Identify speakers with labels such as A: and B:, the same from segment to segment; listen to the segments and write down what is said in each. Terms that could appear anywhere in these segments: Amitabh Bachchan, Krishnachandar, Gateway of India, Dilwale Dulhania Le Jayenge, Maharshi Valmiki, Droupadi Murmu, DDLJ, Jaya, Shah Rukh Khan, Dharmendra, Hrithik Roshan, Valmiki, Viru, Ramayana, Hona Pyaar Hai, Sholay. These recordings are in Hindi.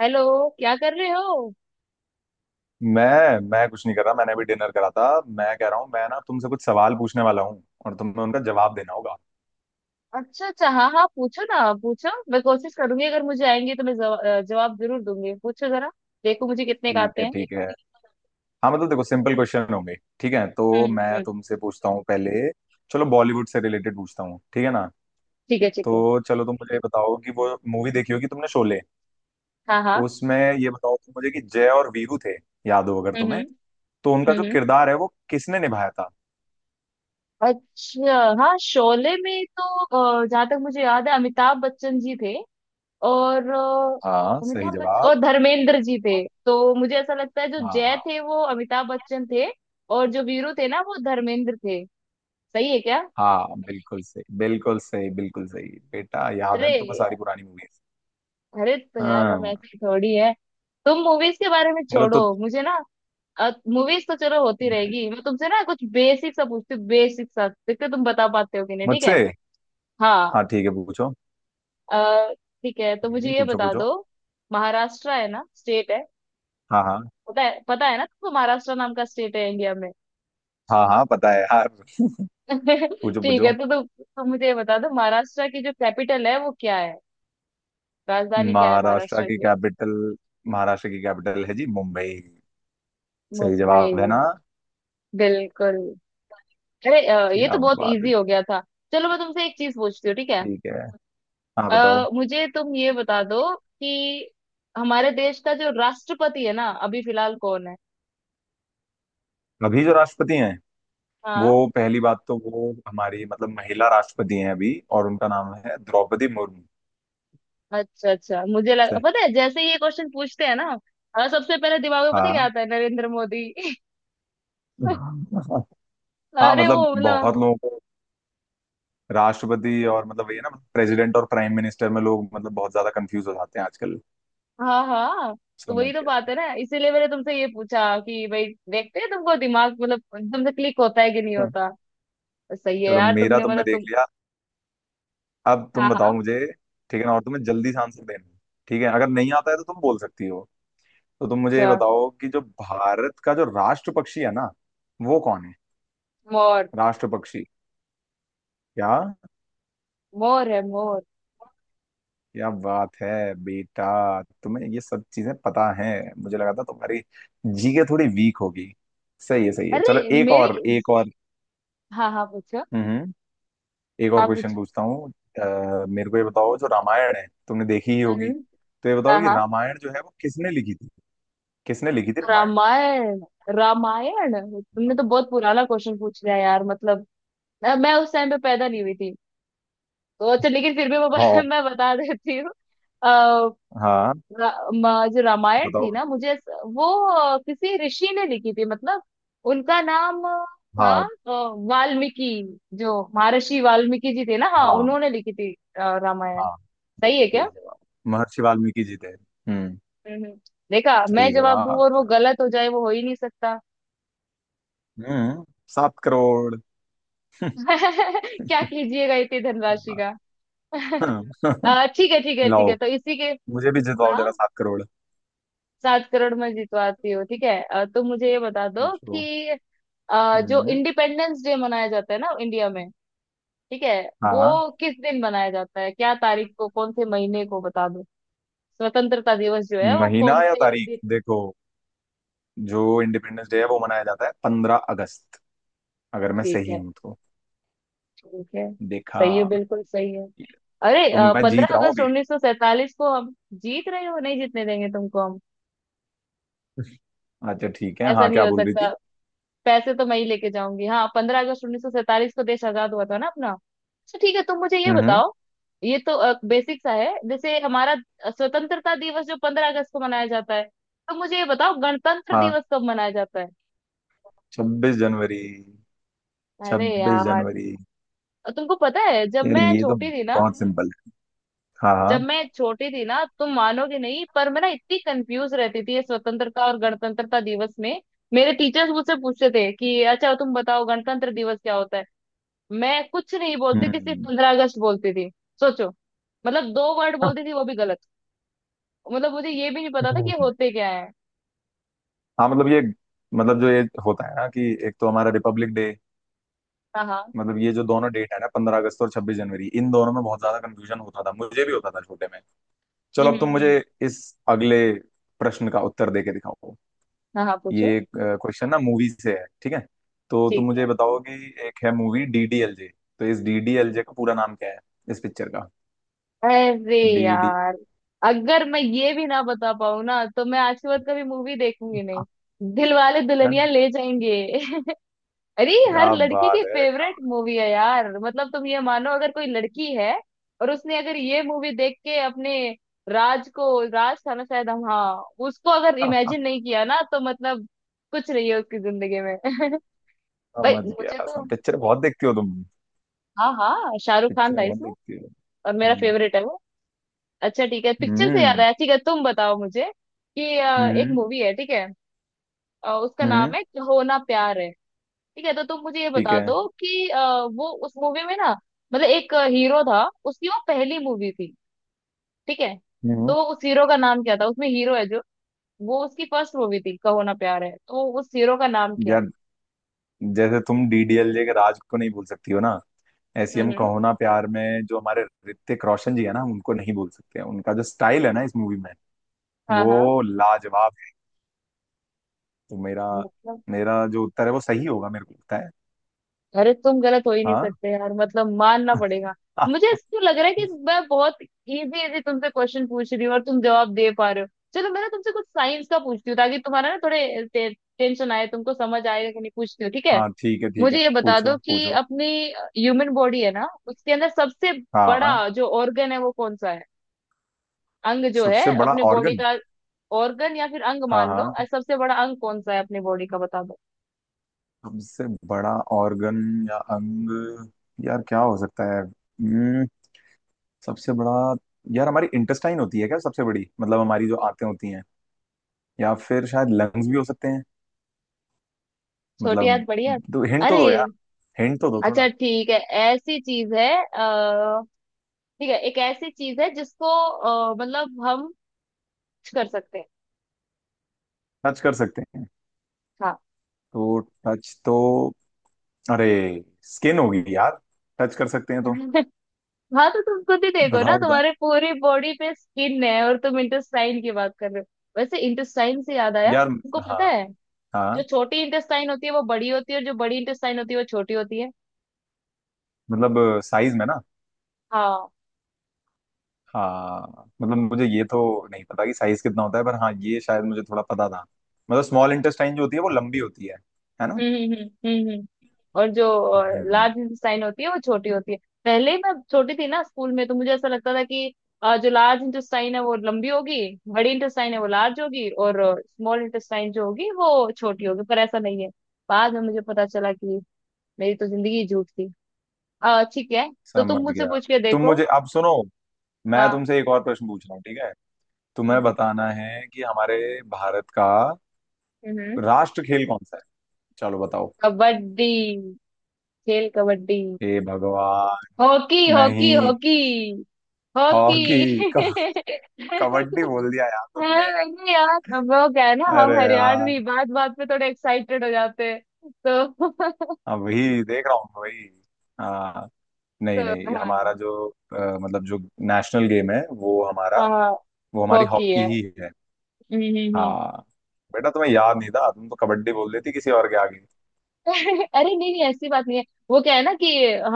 A: हेलो। क्या कर रहे हो।
B: मैं कुछ नहीं कर रहा। मैंने अभी डिनर करा था। मैं कह रहा हूँ मैं ना तुमसे कुछ सवाल पूछने वाला हूँ और तुम्हें उनका जवाब देना होगा।
A: अच्छा, अच्छा, हाँ, हाँ, पूछो ना, पूछो। मैं कोशिश करूंगी, अगर मुझे आएंगे तो मैं जवाब जरूर दूंगी। पूछो जरा, देखो मुझे कितने का
B: ठीक
A: आते
B: है,
A: हैं।
B: ठीक, ठीक है। हाँ मतलब देखो सिंपल क्वेश्चन होंगे। ठीक है
A: हम्म।
B: तो मैं
A: हम्म।
B: तुमसे पूछता हूँ पहले। चलो बॉलीवुड से रिलेटेड पूछता हूँ, ठीक है ना।
A: ठीक है, ठीक है।
B: तो चलो तुम मुझे ये बताओ कि वो मूवी देखी होगी तुमने, शोले।
A: हाँ, हाँ।
B: उसमें ये बताओ तुम मुझे कि जय और वीरू थे, याद हो अगर
A: हम्म,
B: तुम्हें,
A: हम्म,
B: तो उनका जो
A: हम्म,
B: किरदार है वो किसने निभाया था।
A: अच्छा। हाँ, शोले में तो जहाँ तक मुझे याद है अमिताभ बच्चन जी थे। और
B: हाँ, सही
A: अमिताभ बच्चन
B: जवाब।
A: और धर्मेंद्र जी थे। तो मुझे ऐसा लगता है जो जय
B: हाँ
A: थे वो अमिताभ बच्चन थे, और जो वीरू थे ना वो धर्मेंद्र थे। सही है क्या।
B: हाँ बिल्कुल सही, बिल्कुल सही, बिल्कुल सही। बेटा याद है
A: अरे।
B: तुम्हें सारी पुरानी मूवीज।
A: अरे तो यार, हम
B: हाँ।
A: ऐसी थोड़ी है। तुम मूवीज के बारे में
B: चलो
A: छोड़ो
B: तो।
A: मुझे ना। मूवीज तो चलो होती रहेगी, मैं तुमसे ना कुछ बेसिक सा पूछती हूँ। बेसिक सा देखते हो, तुम बता पाते हो कि नहीं, ठीक
B: मुझसे?
A: है। हाँ।
B: हाँ ठीक है पूछो।
A: अ, ठीक है तो मुझे ये
B: पूछो
A: बता
B: पूछो।
A: दो, महाराष्ट्र है ना, स्टेट है।
B: हाँ हाँ।
A: पता है, पता है ना तुमको, महाराष्ट्र नाम का स्टेट है इंडिया में।
B: हाँ हाँ पता है हाँ। पूछो
A: ठीक है,
B: पूछो।
A: तो तुम मुझे ये बता दो, महाराष्ट्र की जो कैपिटल है वो क्या है। राजधानी क्या है
B: महाराष्ट्र
A: महाराष्ट्र
B: की
A: की।
B: कैपिटल। महाराष्ट्र की कैपिटल है जी मुंबई। सही
A: मुंबई।
B: जवाब है ना।
A: बिल्कुल। अरे ये तो
B: क्या
A: बहुत
B: बात है।
A: इजी हो गया था। चलो मैं तुमसे एक चीज पूछती हूँ, ठीक है।
B: ठीक है, हाँ बताओ।
A: मुझे तुम ये बता दो कि हमारे देश का जो राष्ट्रपति है ना अभी फिलहाल कौन है।
B: अभी जो राष्ट्रपति हैं, वो
A: हाँ।
B: पहली बात तो वो हमारी मतलब महिला राष्ट्रपति हैं अभी, और उनका नाम है द्रौपदी मुर्मू।
A: अच्छा, अच्छा, मुझे लग
B: से-
A: पता है, जैसे ही ये क्वेश्चन पूछते हैं ना, सबसे पहले दिमाग में पता है क्या आता है, नरेंद्र मोदी।
B: हाँ। हाँ
A: अरे वो
B: मतलब
A: ना।
B: बहुत लोगों को राष्ट्रपति और मतलब ये ना प्रेसिडेंट और प्राइम मिनिस्टर में लोग मतलब बहुत ज्यादा कंफ्यूज हो जाते हैं आजकल।
A: हाँ, हाँ। तो
B: समझ
A: वही तो
B: गया।
A: बात है ना, इसीलिए मैंने तुमसे ये पूछा कि भाई देखते हैं तुमको दिमाग, मतलब तुमसे क्लिक होता है कि नहीं
B: हाँ।
A: होता। सही है
B: चलो
A: यार,
B: मेरा
A: तुमने
B: तुमने
A: मतलब
B: देख
A: तुम।
B: लिया। अब तुम
A: हाँ,
B: बताओ
A: हाँ।
B: मुझे। ठीक है ना, और तुम्हें जल्दी से आंसर देना है, ठीक है। अगर नहीं आता है तो तुम बोल सकती हो। तो तुम मुझे ये
A: अच्छा।
B: बताओ कि जो भारत का जो राष्ट्र पक्षी है ना, वो कौन है।
A: मोर।
B: राष्ट्र पक्षी? क्या?
A: मोर है मोर।
B: क्या बात है। बेटा तुम्हें ये सब चीजें पता है। मुझे लगा था तुम्हारी जीके थोड़ी वीक होगी। सही है, सही है, चलो
A: अरे
B: एक
A: मेरी।
B: और, एक और।
A: हाँ, हाँ, पूछो।
B: हम्म। एक और
A: हाँ,
B: क्वेश्चन
A: पूछो।
B: पूछता हूँ। मेरे को ये बताओ जो रामायण है तुमने देखी ही होगी।
A: हम्म।
B: तो ये
A: हाँ,
B: बताओ कि
A: हाँ।
B: रामायण जो है वो किसने लिखी थी। किसने लिखी थी रामायण।
A: रामायण रामायण। तुमने तो बहुत पुराना क्वेश्चन पूछ लिया यार, मतलब मैं उस टाइम पे पैदा नहीं हुई थी। तो अच्छा, लेकिन फिर भी
B: हाँ।
A: मैं बता देती हूँ। अ,
B: हाँ
A: जो रामायण थी
B: बताओ।
A: ना, मुझे वो किसी ऋषि ने लिखी थी, मतलब उनका नाम था।
B: हाँ।
A: अ, वाल्मीकि, जो महर्षि वाल्मीकि जी थे ना, हाँ,
B: हाँ।
A: उन्होंने लिखी थी रामायण।
B: हाँ
A: सही है
B: बिल्कुल सही
A: क्या।
B: जवाब। महर्षि वाल्मीकि जी थे। हम्म।
A: हम्म। देखा, मैं
B: सही
A: जवाब दूं
B: जवाब।
A: और वो गलत हो जाए, वो हो ही नहीं सकता।
B: हम्म। 7 करोड़।
A: क्या कीजिएगा इतनी धनराशि का। ठीक है, ठीक है, ठीक
B: लाओ,
A: है, तो इसी के।
B: मुझे भी जिताओ
A: हाँ।
B: जरा 7 करोड़।
A: 7 करोड़ में जितवाती हूँ, ठीक है। तो मुझे ये बता दो
B: पूछो।
A: कि जो
B: हम्म।
A: इंडिपेंडेंस डे मनाया जाता है ना इंडिया में, ठीक है, वो
B: हाँ।
A: किस दिन मनाया जाता है, क्या तारीख को, कौन से महीने को बता दो। स्वतंत्रता दिवस जो है वो
B: महीना
A: कौन
B: या
A: से
B: तारीख
A: दिन।
B: देखो। जो इंडिपेंडेंस डे है वो मनाया जाता है 15 अगस्त, अगर मैं
A: ठीक
B: सही
A: है,
B: हूं तो।
A: ठीक है।
B: देखा।
A: सही है, बिल्कुल सही है। अरे,
B: तो मैं जीत
A: पंद्रह
B: रहा हूँ
A: अगस्त
B: अभी।
A: उन्नीस सौ सैतालीस को हम जीत रहे हो, नहीं जीतने देंगे तुमको हम।
B: अच्छा ठीक है,
A: ऐसा
B: हाँ
A: नहीं
B: क्या
A: हो
B: बोल रही
A: सकता,
B: थी।
A: पैसे तो मैं ही लेके जाऊंगी। हाँ, 15 अगस्त 1947 को देश आजाद हुआ था ना अपना। अच्छा, ठीक है, तुम मुझे ये
B: हम्म, हम्म।
A: बताओ, ये तो बेसिक सा है। जैसे हमारा स्वतंत्रता दिवस जो 15 अगस्त को मनाया जाता है, तो मुझे ये बताओ गणतंत्र
B: हाँ
A: दिवस कब मनाया जाता है।
B: 26 जनवरी,
A: अरे
B: छब्बीस
A: यार,
B: जनवरी
A: तुमको पता है जब
B: यार
A: मैं
B: ये तो
A: छोटी थी ना,
B: बहुत सिंपल है। हाँ हाँ।
A: जब मैं छोटी थी ना, तुम मानोगे नहीं, पर मैं ना इतनी कंफ्यूज रहती थी ये स्वतंत्रता और गणतंत्रता दिवस में। मेरे टीचर्स मुझसे पूछते थे कि अच्छा तुम बताओ गणतंत्र दिवस क्या होता है, मैं कुछ नहीं बोलती थी, सिर्फ
B: हम्म।
A: 15 अगस्त बोलती थी। सोचो, मतलब 2 वर्ड बोलती थी, वो भी गलत। मतलब मुझे ये भी नहीं पता था कि
B: हम्म।
A: होते क्या है।
B: हाँ मतलब ये, मतलब जो ये होता है ना कि एक तो हमारा रिपब्लिक डे।
A: हाँ, हाँ।
B: मतलब ये जो दोनों डेट है ना, 15 अगस्त और 26 जनवरी, इन दोनों में बहुत ज्यादा कंफ्यूजन होता था, मुझे भी होता था छोटे में। चलो
A: हम्म,
B: अब
A: हम्म,
B: तुम मुझे इस अगले प्रश्न का उत्तर दे के दिखाओ।
A: हाँ, हाँ, पूछो।
B: ये क्वेश्चन ना मूवी से है, ठीक है। तो तुम
A: ठीक
B: मुझे
A: है।
B: बताओ कि एक है मूवी डीडीएलजे, तो इस डीडीएलजे का पूरा नाम क्या है, इस पिक्चर का।
A: अरे
B: डीडी।
A: यार, अगर मैं ये भी ना बता पाऊँ ना, तो मैं आज के बाद कभी मूवी देखूंगी नहीं। दिल वाले
B: क्या
A: दुल्हनिया ले जाएंगे। अरे, हर लड़की की
B: बात है। क्या?
A: फेवरेट मूवी है यार, मतलब तुम ये मानो, अगर कोई लड़की है और उसने अगर ये मूवी देख के अपने राज को, राज था ना शायद, हम, हाँ, उसको अगर इमेजिन नहीं किया ना तो मतलब कुछ नहीं है उसकी जिंदगी में। भाई
B: समझ
A: मुझे
B: गया।
A: तो,
B: सम पिक्चर बहुत देखती हो तुम।
A: हाँ, हाँ, शाहरुख खान
B: पिक्चर
A: था
B: बहुत
A: इसमें
B: देखती हो।
A: और मेरा
B: हम्म
A: फेवरेट है वो। अच्छा, ठीक है, पिक्चर से याद
B: हम्म
A: आया, ठीक है, तुम बताओ मुझे कि एक
B: हम्म
A: मूवी है, ठीक है, उसका
B: हम्म,
A: नाम है होना प्यार है। ठीक है, तो तुम मुझे ये
B: ठीक
A: बता
B: है।
A: दो कि वो उस मूवी में ना, मतलब एक हीरो था, उसकी वो पहली मूवी थी, ठीक है,
B: हम्म
A: तो
B: हम्म,
A: वो उस हीरो का नाम क्या था, उसमें हीरो है जो, वो उसकी फर्स्ट मूवी थी कहो ना प्यार है, तो उस हीरो का नाम क्या है।
B: यार जैसे तुम डीडीएलजे के राज को नहीं भूल सकती हो ना, ऐसी
A: हम्म,
B: हम कहो ना प्यार में जो हमारे ऋतिक रोशन जी है ना, हम उनको नहीं भूल सकते हैं। उनका जो स्टाइल है ना इस मूवी में,
A: हाँ, हाँ।
B: वो लाजवाब है। तो मेरा,
A: मतलब।
B: मेरा जो उत्तर है वो सही होगा मेरे को लगता है।
A: अरे, तुम गलत हो ही नहीं
B: हाँ।
A: सकते यार, मतलब मानना पड़ेगा। मुझे इसको लग रहा है कि मैं बहुत इजी इजी तुमसे क्वेश्चन पूछ रही हूँ और तुम जवाब दे पा रहे हो। चलो मैं ना तुमसे कुछ साइंस का पूछती हूँ, ताकि तुम्हारा ना थोड़े टेंशन आए, तुमको समझ आएगा कि नहीं, पूछती हूँ, ठीक है।
B: हाँ ठीक है, ठीक है,
A: मुझे ये बता
B: पूछो
A: दो कि
B: पूछो।
A: अपनी ह्यूमन बॉडी है ना, उसके अंदर सबसे
B: हाँ।
A: बड़ा जो ऑर्गन है वो कौन सा है, अंग जो है
B: सबसे बड़ा
A: अपने बॉडी
B: ऑर्गन।
A: का। ऑर्गन या फिर अंग
B: हाँ
A: मान लो,
B: हाँ।
A: सबसे बड़ा अंग कौन सा है अपनी बॉडी का, बता दो।
B: सबसे बड़ा ऑर्गन या अंग, यार क्या हो सकता है। सबसे बड़ा। यार हमारी इंटेस्टाइन होती है क्या सबसे बड़ी, मतलब हमारी जो आंतें होती हैं, या फिर शायद लंग्स भी हो सकते हैं,
A: छोटी
B: मतलब।
A: याद बड़ी याद।
B: तो हिंट तो
A: अरे,
B: दो यार, हिंट तो दो
A: अच्छा,
B: थोड़ा।
A: ठीक है, ऐसी चीज है, ठीक है, एक ऐसी चीज है जिसको मतलब हम कुछ कर सकते हैं।
B: टच कर सकते हैं,
A: हाँ।
B: तो टच तो, अरे स्किन होगी यार, टच कर सकते हैं तो।
A: हाँ, तो तुम खुद ही देखो ना,
B: बताओ बताओ।
A: तुम्हारे पूरी बॉडी पे स्किन है, और तुम इंटेस्टाइन की बात कर रहे हो। वैसे इंटेस्टाइन से याद आया,
B: यार।
A: तुमको पता
B: हाँ।
A: है
B: हाँ
A: जो छोटी इंटेस्टाइन होती है वो बड़ी होती है, और जो बड़ी इंटेस्टाइन होती है वो छोटी होती है।
B: मतलब साइज में ना।
A: हाँ।
B: हाँ मतलब मुझे ये तो नहीं पता कि साइज कितना होता है, पर हाँ ये शायद मुझे थोड़ा पता था। मतलब स्मॉल इंटेस्टाइन जो होती है वो लंबी होती है ना।
A: हम्म, हम्म, हम्म, हम्म, और जो
B: हम्म।
A: लार्ज इंटेस्टाइन होती है वो छोटी होती है। पहले ही मैं छोटी थी ना स्कूल में, तो मुझे ऐसा लगता था कि जो लार्ज इंटेस्टाइन है वो लंबी होगी, बड़ी इंटेस्टाइन है वो लार्ज होगी, और स्मॉल इंटेस्टाइन जो होगी वो छोटी होगी, पर ऐसा नहीं है। बाद में मुझे पता चला कि मेरी तो जिंदगी ही झूठ थी। ठीक है, तो तुम
B: समझ
A: मुझसे
B: गया।
A: पूछ के
B: तुम
A: देखो।
B: मुझे अब सुनो, मैं
A: हाँ।
B: तुमसे एक और प्रश्न पूछ रहा हूँ, ठीक है। तुम्हें
A: हम्म,
B: बताना है कि हमारे भारत का
A: हम्म।
B: राष्ट्र खेल कौन सा है। चलो बताओ।
A: कबड्डी। खेल कबड्डी।
B: हे भगवान।
A: हॉकी, हॉकी,
B: नहीं।
A: हॉकी। हॉकी।
B: हॉकी। कबड्डी बोल दिया यार तुमने।
A: हाँ, नहीं यार, अब वो क्या है ना,
B: अरे
A: हम
B: यार।
A: हरियाणवी बात बात पे थोड़े एक्साइटेड हो जाते हैं तो
B: अब वही देख रहा हूँ वही। हाँ। नहीं
A: तो
B: नहीं,
A: हाँ।
B: हमारा जो मतलब जो नेशनल गेम है वो हमारा,
A: हाँ,
B: वो हमारी
A: हॉकी
B: हॉकी
A: है।
B: ही है।
A: हम्म, हम्म, हम्म।
B: हाँ। बेटा तुम्हें याद नहीं था, तुम तो कबड्डी बोल देती किसी और के आगे।
A: अरे नहीं, नहीं, ऐसी बात नहीं है, वो क्या है ना कि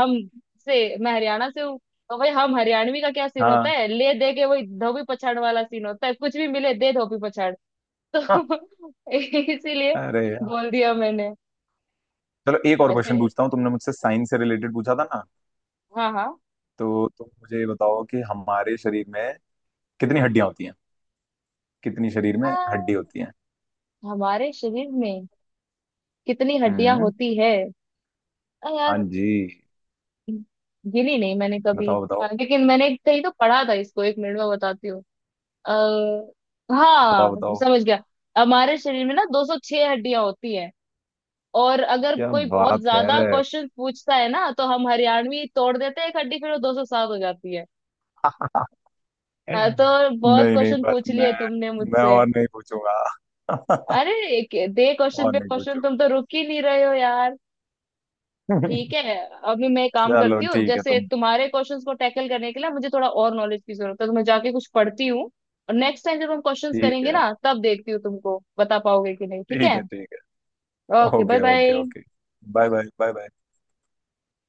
A: हम, से मैं हरियाणा से हूँ, तो भाई हम हरियाणवी का क्या सीन होता
B: हाँ
A: है, ले दे के वही धोबी पछाड़ वाला सीन होता है, कुछ भी मिले दे धोबी पछाड़
B: हाँ,
A: तो। इसीलिए
B: अरे यार।
A: बोल दिया मैंने।
B: चलो एक और
A: ऐसे।
B: क्वेश्चन पूछता हूँ। तुमने मुझसे साइंस से रिलेटेड पूछा था ना,
A: हाँ, हाँ।
B: तो तुम मुझे ये बताओ कि हमारे शरीर में कितनी हड्डियां होती हैं। कितनी शरीर में
A: अ,
B: हड्डी होती हैं।
A: हमारे शरीर में कितनी हड्डियां
B: हम्म।
A: होती है।
B: हाँ
A: यार,
B: जी।
A: गिनी नहीं मैंने कभी।
B: बताओ बताओ।
A: लेकिन मैंने कहीं तो पढ़ा था, इसको 1 मिनट में बताती हूँ। अः हाँ,
B: बताओ बताओ।
A: समझ गया। हमारे शरीर में ना 206 हड्डियां होती हैं, और अगर
B: क्या
A: कोई बहुत
B: बात
A: ज्यादा
B: है।
A: क्वेश्चन पूछता है ना तो हम हरियाणवी तोड़ देते हैं एक हड्डी, फिर वो 207 हो जाती है। हाँ, तो बहुत
B: नहीं नहीं
A: क्वेश्चन
B: बस
A: पूछ
B: मैं,
A: लिए तुमने मुझसे।
B: और नहीं पूछूंगा।
A: अरे, दे क्वेश्चन
B: और
A: पे
B: नहीं
A: क्वेश्चन,
B: पूछूंगा।
A: तुम तो रुक ही नहीं रहे हो यार। ठीक है। अभी मैं एक काम
B: चलो
A: करती हूँ,
B: ठीक है
A: जैसे
B: तुम,
A: तुम्हारे क्वेश्चंस को टैकल करने के लिए मुझे थोड़ा और नॉलेज की जरूरत है तो मैं जाके कुछ पढ़ती हूँ, और नेक्स्ट टाइम जब हम क्वेश्चंस
B: ठीक
A: करेंगे
B: है,
A: ना तब देखती हूँ तुमको बता पाओगे कि नहीं, ठीक
B: ठीक
A: है।
B: है, ठीक है।
A: Okay, bye
B: okay, okay,
A: bye.
B: Okay. Bye bye, bye bye.